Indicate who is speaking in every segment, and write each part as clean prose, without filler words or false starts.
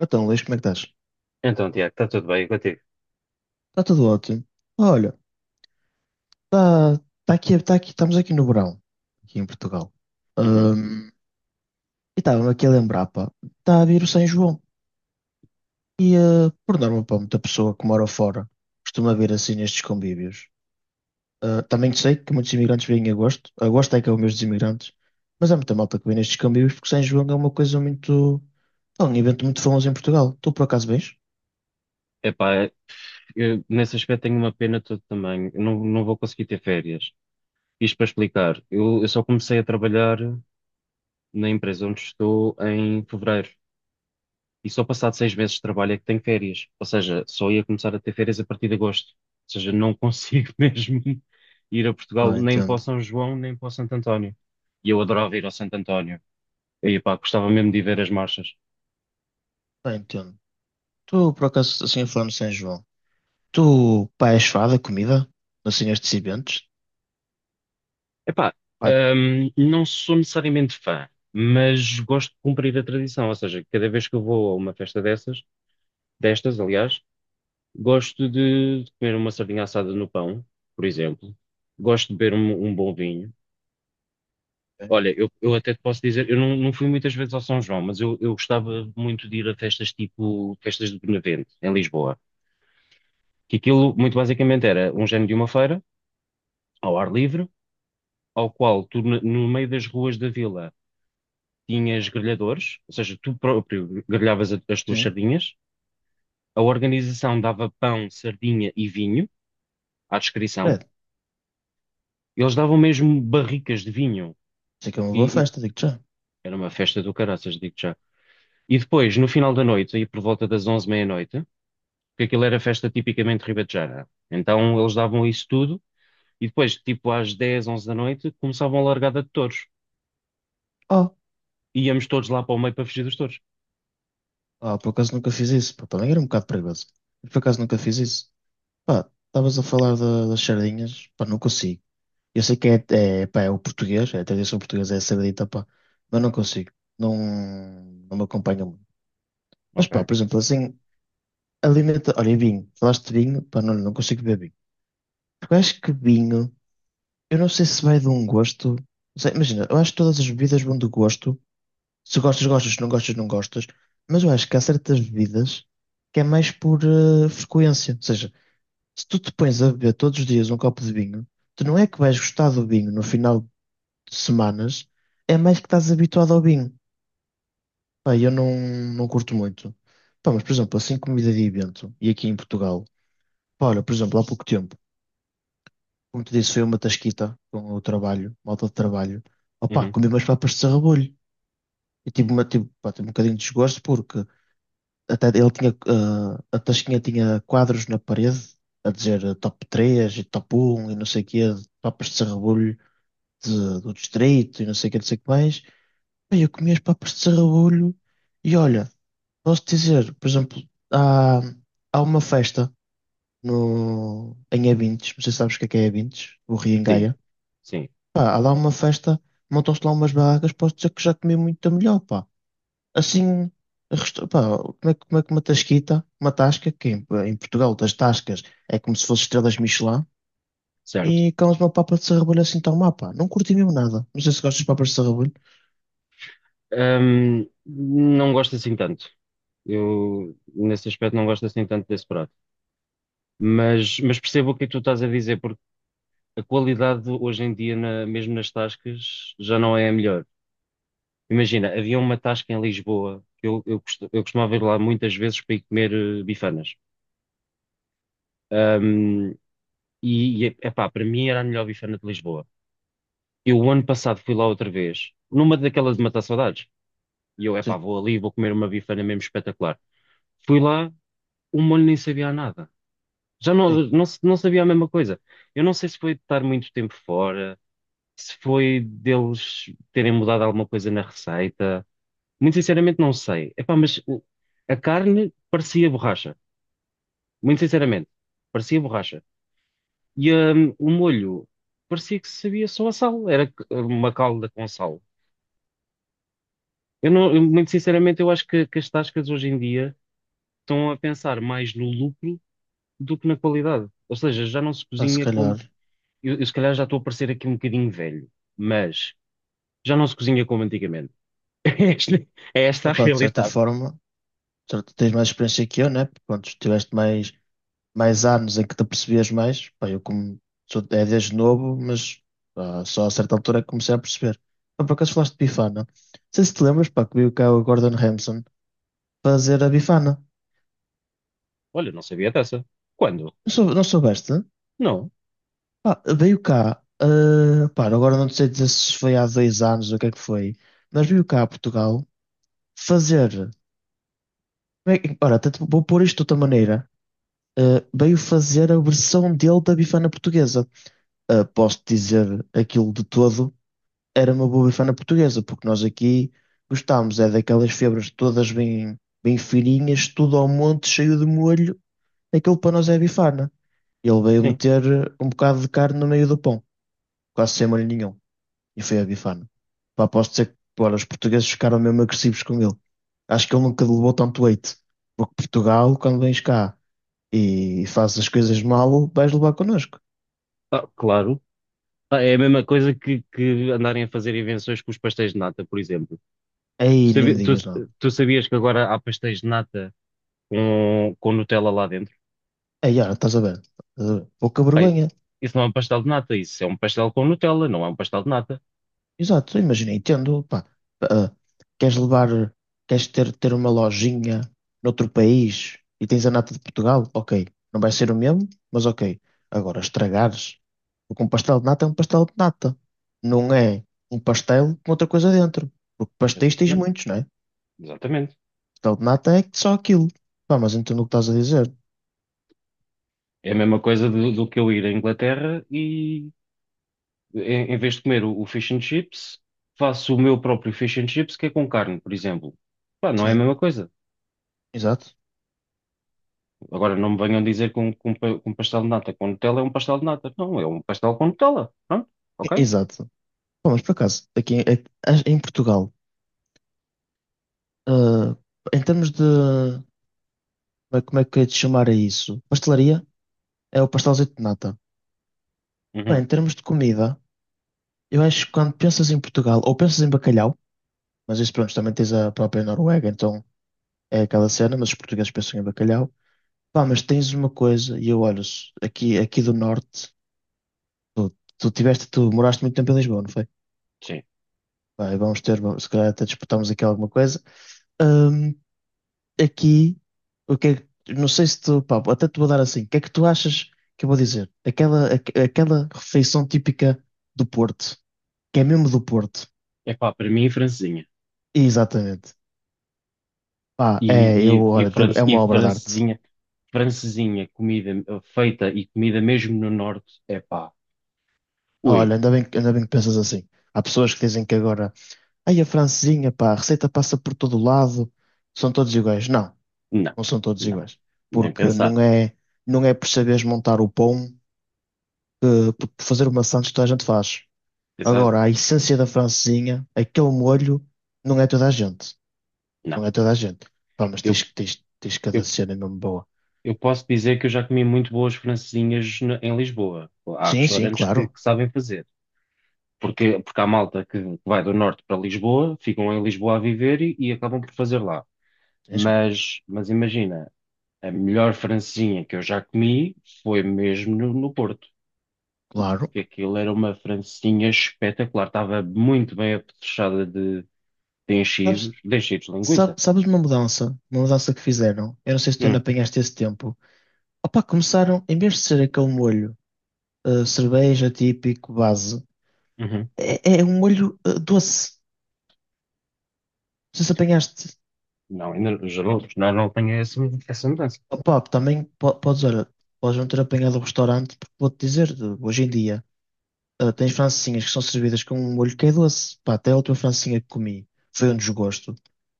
Speaker 1: Então, Luís, como é que estás?
Speaker 2: Então, Tiago, está tudo bem contigo?
Speaker 1: Está tudo ótimo. Olha, está tá tá aqui, estamos aqui no verão, aqui em Portugal.
Speaker 2: Uhum.
Speaker 1: Ahm, e estava-me aqui a lembrar, pá, está a vir o São João. Por norma, pá, muita pessoa que mora fora costuma vir assim nestes convívios. Ah, também sei que muitos imigrantes vêm em agosto. Agosto é que é o mês dos imigrantes. Mas há muita malta que vem nestes convívios porque São João é uma coisa muito... É um evento muito famoso em Portugal. Tu por acaso vens?
Speaker 2: Epá, eu, nesse aspecto tenho uma pena de todo tamanho. Eu não, não vou conseguir ter férias. Isto para explicar, eu só comecei a trabalhar na empresa onde estou em fevereiro. E só passado 6 meses de trabalho é que tenho férias. Ou seja, só ia começar a ter férias a partir de agosto. Ou seja, não consigo mesmo ir a Portugal
Speaker 1: Ah,
Speaker 2: nem para o
Speaker 1: entendo.
Speaker 2: São João, nem para o Santo António. E eu adorava ir ao Santo António. E, epá, gostava mesmo de ir ver as marchas.
Speaker 1: Ah, entendo. Tu por acaso, assim, falando de São João... Tu, pá, és fada, comida, assim, estes eventos,
Speaker 2: Epá,
Speaker 1: pá,
Speaker 2: não sou necessariamente fã, mas gosto de cumprir a tradição, ou seja, cada vez que eu vou a uma festa dessas, destas, aliás, gosto de comer uma sardinha assada no pão, por exemplo, gosto de beber um bom vinho.
Speaker 1: Ok.
Speaker 2: Olha, eu até te posso dizer, eu não fui muitas vezes ao São João, mas eu gostava muito de ir a festas tipo festas de Benavente, em Lisboa, que aquilo muito basicamente era um género de uma feira, ao ar livre, ao qual tu, no meio das ruas da vila tinhas grelhadores, ou seja, tu próprio grelhavas as tuas
Speaker 1: Sim,
Speaker 2: sardinhas, a organização dava pão, sardinha e vinho à descrição,
Speaker 1: credo,
Speaker 2: e eles davam mesmo barricas de vinho,
Speaker 1: sei que é uma boa
Speaker 2: e, e
Speaker 1: festa, digo-te já.
Speaker 2: era uma festa do caraças, digo já. E depois, no final da noite, aí por volta das 11 meia-noite, porque aquilo era festa tipicamente ribetejana, então eles davam isso tudo, e depois, tipo às 10, 11 da noite, começavam a largada de touros,
Speaker 1: Oh,
Speaker 2: íamos todos lá para o meio para fugir dos touros.
Speaker 1: oh, por acaso nunca fiz isso, pá, também era um bocado perigoso, mas por acaso nunca fiz isso. Pá, estavas a falar das sardinhas, pá, não consigo. Eu sei que é, é, pá, é o português, é a tradição portuguesa, é a sardita, pá, mas não consigo, não, não me acompanha muito. Mas pá,
Speaker 2: Ok.
Speaker 1: por exemplo, assim, alimenta, olha, e vinho, falaste de vinho, pá, não, não consigo beber vinho. Porque eu acho que vinho. Eu não sei se vai de um gosto. Não sei, imagina, eu acho que todas as bebidas vão do gosto. Se gostas, gostas, se não gostas, não gostas. Mas eu acho que há certas bebidas que é mais por frequência. Ou seja, se tu te pões a beber todos os dias um copo de vinho, tu não é que vais gostar do vinho no final de semanas, é mais que estás habituado ao vinho. Pá, eu não, não curto muito. Pá, mas por exemplo, assim comida de evento, e aqui em Portugal, pá, olha, por exemplo, há pouco tempo, como te disse, foi uma tasquita com o trabalho, malta de trabalho. Opá,
Speaker 2: Uhum.
Speaker 1: comi umas papas de sarrabolho. E tive, uma, tive, pá, tive um bocadinho de desgosto porque até ele tinha, a tasquinha tinha quadros na parede a dizer top 3 e top 1 e não sei o quê, de papas de sarrabolho do distrito e não sei o quê, não sei o que mais. Bem, eu comi as papas de sarrabolho e olha, posso dizer, por exemplo, há, há uma festa no, em Abintes, não sei se sabes o que é Abintes, o Rio em
Speaker 2: Sim,
Speaker 1: Gaia.
Speaker 2: sim,
Speaker 1: Pá, há lá uma festa, montam-se lá umas barracas, posso dizer que já comi muita melhor, pá. Assim, pá, como é, como é que uma tasquita, uma tasca, que em Portugal das tascas é como se fosse estrelas Michelin,
Speaker 2: certo.
Speaker 1: e comes uma papa de sarrabolho assim tão má, pá. Não curti mesmo nada. Não sei se gostas de papas de sarrabolho.
Speaker 2: Não gosto assim tanto. Eu, nesse aspecto, não gosto assim tanto desse prato. Mas percebo o que é que tu estás a dizer, porque a qualidade hoje em dia, mesmo nas tascas, já não é a melhor. Imagina, havia uma tasca em Lisboa, que eu costumava ir lá muitas vezes para ir comer bifanas. Ahm, e, epá, para mim era a melhor bifana de Lisboa. Eu, o ano passado, fui lá outra vez, numa daquelas de matar saudades. E eu, epá,
Speaker 1: Sim.
Speaker 2: vou ali, vou comer uma bifana mesmo espetacular. Fui lá, o molho nem sabia a nada. Já não,
Speaker 1: Ei,
Speaker 2: não, se- não sabia a mesma coisa. Eu não sei se foi de estar muito tempo fora, se foi deles terem mudado alguma coisa na receita. Muito sinceramente, não sei. Epá, mas a carne parecia borracha. Muito sinceramente, parecia borracha. E o molho parecia que sabia só a sal. Era uma calda com sal. Eu não, eu, muito sinceramente, eu acho que as tascas hoje em dia estão a pensar mais no lucro do que na qualidade. Ou seja, já não se
Speaker 1: pá, se
Speaker 2: cozinha.
Speaker 1: calhar,
Speaker 2: Eu se calhar já estou a parecer aqui um bocadinho velho, mas já não se cozinha como antigamente. É esta, é esta a
Speaker 1: opá, de certa
Speaker 2: realidade.
Speaker 1: forma, tens mais experiência que eu, né? Pronto, tiveste mais, mais anos em que te apercebias mais. Pá, eu como sou, é desde novo, mas pá, só a certa altura é que comecei a perceber. Pá, por acaso falaste de Bifana. Não sei se te lembras, pá, que veio cá o Gordon Ramsay fazer a Bifana.
Speaker 2: Olha, não sabia dessa. Quando?
Speaker 1: Não, sou, não soubeste? Né?
Speaker 2: Não.
Speaker 1: Pá, veio cá, pá, agora não sei dizer se foi há 2 anos ou o que é que foi, mas veio cá a Portugal fazer. Ora, até te vou pôr isto de outra maneira. Ah, veio fazer a versão dele da Bifana portuguesa. Ah, posso dizer aquilo de todo, era uma boa bifana portuguesa, porque nós aqui gostámos, é daquelas febras todas bem, bem fininhas, tudo ao monte, cheio de molho, aquilo para nós é bifana. Ele veio
Speaker 2: Sim.
Speaker 1: meter um bocado de carne no meio do pão, quase sem molho nenhum, e foi a bifana. Pá, posso dizer que pô, os portugueses ficaram mesmo agressivos com ele. Acho que ele nunca levou tanto leite, porque Portugal, quando vens cá e fazes as coisas mal, vais levar connosco.
Speaker 2: Ah, claro. Ah, é a mesma coisa que andarem a fazer invenções com os pastéis de nata, por exemplo. Tu,
Speaker 1: Aí nem me
Speaker 2: sabi-
Speaker 1: digas nada.
Speaker 2: tu- tu sabias que agora há pastéis de nata com Nutella lá dentro?
Speaker 1: Aí, olha, estás a ver? Estás a ver? Pouca
Speaker 2: Bem,
Speaker 1: vergonha.
Speaker 2: isso não é um pastel de nata, isso é um pastel com Nutella, não é um pastel de nata.
Speaker 1: Exato, imagina, entendo, pá, ah, queres levar, queres ter, ter uma lojinha noutro país e tens a nata de Portugal, ok, não vai ser o mesmo, mas ok. Agora, estragares, porque um pastel de nata é um pastel de nata, não é um pastel com outra coisa dentro, porque pastéis tens
Speaker 2: Exatamente,
Speaker 1: muitos, não é?
Speaker 2: exatamente.
Speaker 1: Pastel de nata é só aquilo. Pá, mas entendo o que estás a dizer.
Speaker 2: É a mesma coisa do que eu ir à Inglaterra e em vez de comer o fish and chips, faço o meu próprio fish and chips que é com carne, por exemplo. Pá, não é a
Speaker 1: Sim,
Speaker 2: mesma coisa.
Speaker 1: exato,
Speaker 2: Agora não me venham dizer que um pastel de nata com Nutella é um pastel de nata. Não, é um pastel com Nutella. Pronto, ok?
Speaker 1: E- exato. Pá, mas por acaso, aqui em, em Portugal, ah, em termos de como é que é de chamar a isso? Pastelaria é o pastelzito de nata. Bem,
Speaker 2: Uhum,
Speaker 1: em termos de comida, eu acho que quando pensas em Portugal, ou pensas em bacalhau, mas isso pronto, também tens a própria Noruega, então é aquela cena, mas os portugueses pensam em bacalhau. Pá, mas tens uma coisa, e eu olho aqui, aqui do norte, tu, tu moraste muito tempo em Lisboa, não foi?
Speaker 2: sim.
Speaker 1: Pá, e vamos ter, se calhar até disputarmos aqui alguma coisa. Hum, aqui, o que é que- não sei se tu, pá, até te vou dar assim, o que é que tu achas que eu vou dizer? Aquela refeição típica do Porto, que é mesmo do Porto.
Speaker 2: Epá, para mim, francesinha.
Speaker 1: Exatamente. Pá,
Speaker 2: E,
Speaker 1: é, eu,
Speaker 2: e, e,
Speaker 1: olha,
Speaker 2: fran-
Speaker 1: é
Speaker 2: e
Speaker 1: uma obra de arte.
Speaker 2: francesinha, francesinha, comida feita e comida mesmo no norte, epá,
Speaker 1: Olha,
Speaker 2: ui,
Speaker 1: ainda bem, ainda bem que pensas assim. Há pessoas que dizem que agora, ai, a francesinha, pá, a receita passa por todo o lado, são todos iguais. Não,
Speaker 2: não,
Speaker 1: não são todos
Speaker 2: não,
Speaker 1: iguais.
Speaker 2: nem
Speaker 1: Porque
Speaker 2: pensar.
Speaker 1: não é, não é por saberes montar o pão, que, por fazer uma sandes toda a gente faz.
Speaker 2: Exato.
Speaker 1: Agora, a essência da francesinha, aquele molho, não é toda a gente.
Speaker 2: Não.
Speaker 1: Não é toda a gente. Pá, mas
Speaker 2: Eu,
Speaker 1: tens, tens, tens cada
Speaker 2: eu,
Speaker 1: cena mesmo boa.
Speaker 2: eu posso dizer que eu já comi muito boas francesinhas em Lisboa. Há
Speaker 1: Sim, sim,
Speaker 2: restaurantes que,
Speaker 1: claro.
Speaker 2: que sabem fazer. Porque há malta que vai do norte para Lisboa, ficam em Lisboa a viver e acabam por fazer lá.
Speaker 1: Sim, sim,
Speaker 2: Mas imagina, a melhor francesinha que eu já comi foi mesmo no Porto.
Speaker 1: claro.
Speaker 2: Que aquilo era uma francesinha espetacular. Estava muito bem apetrechada de enchidos,
Speaker 1: Sabes,
Speaker 2: de enchidos de linguiça.
Speaker 1: sabes uma mudança? Uma mudança que fizeram? Eu não sei se tu ainda
Speaker 2: Hum,
Speaker 1: apanhaste esse tempo. Opa, começaram, em vez de ser aquele molho, cerveja típico, base,
Speaker 2: uhum.
Speaker 1: é, é um molho, doce. Não sei se apanhaste.
Speaker 2: Não, ainda, já não tenho essa mudança.
Speaker 1: Opa, também podes, olha, podes não ter apanhado o restaurante, porque vou-te dizer, hoje em dia. Ah, tens francesinhas que são servidas com um molho que é doce. Pá, até a última francesinha que comi foi um desgosto.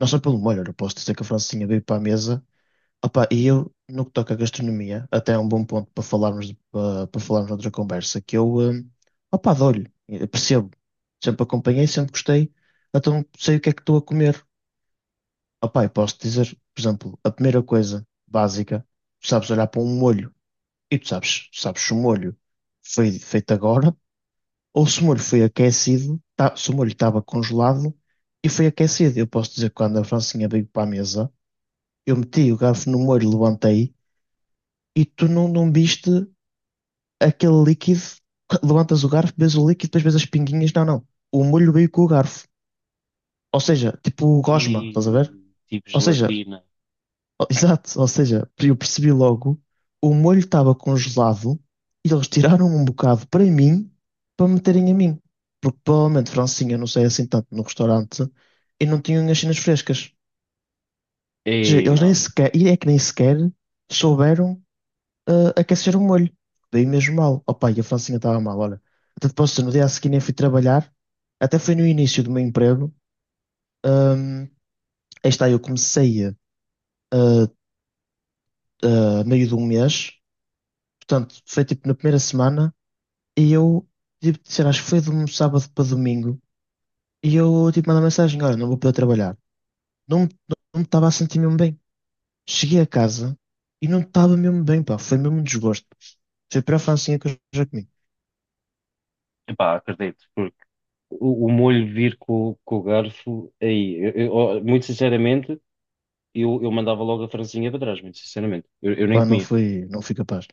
Speaker 1: Não só pelo molho, eu posso dizer que a francesinha veio para a mesa. Opá, e eu, no que toca à gastronomia, até é um bom ponto para falarmos, para, para falarmos noutra conversa, que eu, opá, dou-lhe, eu percebo. Sempre acompanhei, sempre gostei, então sei o que é que estou a comer. Opá, e posso dizer, por exemplo, a primeira coisa básica, tu sabes olhar para um molho e tu sabes, sabes se o molho foi feito agora ou se o molho foi aquecido, tá, se o molho estava congelado e foi aquecido. Eu posso dizer que quando a Francinha veio para a mesa, eu meti o garfo no molho, levantei e tu não, não viste aquele líquido. Levantas o garfo, vês o líquido, depois vês as pinguinhas. Não, não. O molho veio com o garfo. Ou seja, tipo gosma, estás a ver?
Speaker 2: E tipo
Speaker 1: Ou seja,
Speaker 2: gelatina.
Speaker 1: Oh, exato, ou seja, eu percebi logo, o molho estava congelado e eles tiraram um bocado para mim para meterem a mim. Porque provavelmente Francinha não sei assim tanto no restaurante e não tinham as cenas frescas. Ou seja,
Speaker 2: E
Speaker 1: eles nem
Speaker 2: não.
Speaker 1: sequer, e é que nem sequer souberam aquecer o molho. Daí mesmo mal. Opa, e a Francinha estava mal, olha. Até depois, no dia a seguir, nem fui trabalhar, até foi no início do meu emprego. Ahm, aí está, eu comecei a meio de um mês. Portanto, foi tipo na primeira semana e eu, tipo, sei lá, acho que foi de um sábado para domingo. E eu, tipo, mandei uma mensagem: Olha, não vou poder trabalhar. Não, não, me estava a sentir mesmo bem. Cheguei a casa e não estava mesmo bem, pá. Foi mesmo um desgosto. Foi para a francinha que eu já comi.
Speaker 2: Epá, acredito, porque o molho vir com o garfo, aí, ó, muito sinceramente, eu mandava logo a francesinha para trás, muito sinceramente. Eu nem
Speaker 1: Pá, não
Speaker 2: comia.
Speaker 1: fui, não fui capaz.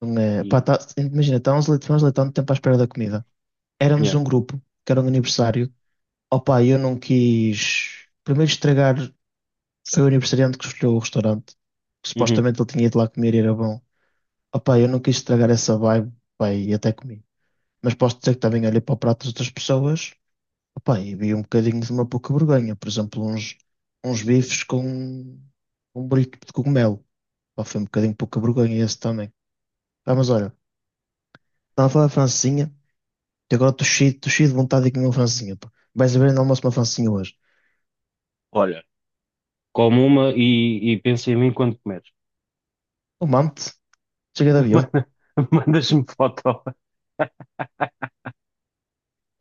Speaker 1: Não é, pá,
Speaker 2: E,
Speaker 1: tá, imagina, estávamos ali tanto tempo à espera da comida. Éramos
Speaker 2: yeah.
Speaker 1: um grupo, que era um aniversário. Opa, eu não quis. Primeiro estragar, foi o aniversariante que escolheu o restaurante, que
Speaker 2: Uhum.
Speaker 1: supostamente ele tinha ido lá comer e era bom. Opa, eu não quis estragar essa vibe, pá, e até comi. Mas posso dizer que também olhei para o prato das outras pessoas, opa, e vi um bocadinho de uma pouca vergonha. Por exemplo, uns bifes com um burrito de cogumelo. Pá, foi um bocadinho pouca vergonha esse também. Pá, mas olha, estava a falar de francesinha, e agora estou cheio de vontade de comer uma francesinha. Pá. Vais a ver no almoço uma francesinha hoje.
Speaker 2: Olha, come uma e pensa em mim quando comeres.
Speaker 1: O mante, chega de avião.
Speaker 2: Manda- Mandas-me foto.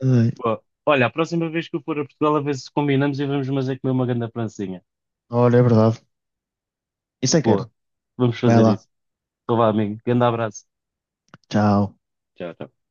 Speaker 1: Ai,
Speaker 2: Boa. Olha, a próxima vez que eu for a Portugal, a ver se combinamos e vamos fazer comer uma grande francesinha.
Speaker 1: olha, é verdade. Isso é que
Speaker 2: Boa,
Speaker 1: era.
Speaker 2: vamos
Speaker 1: Vai
Speaker 2: fazer
Speaker 1: lá.
Speaker 2: isso. Então vá, amigo. Grande abraço.
Speaker 1: Tchau.
Speaker 2: Tchau, tchau.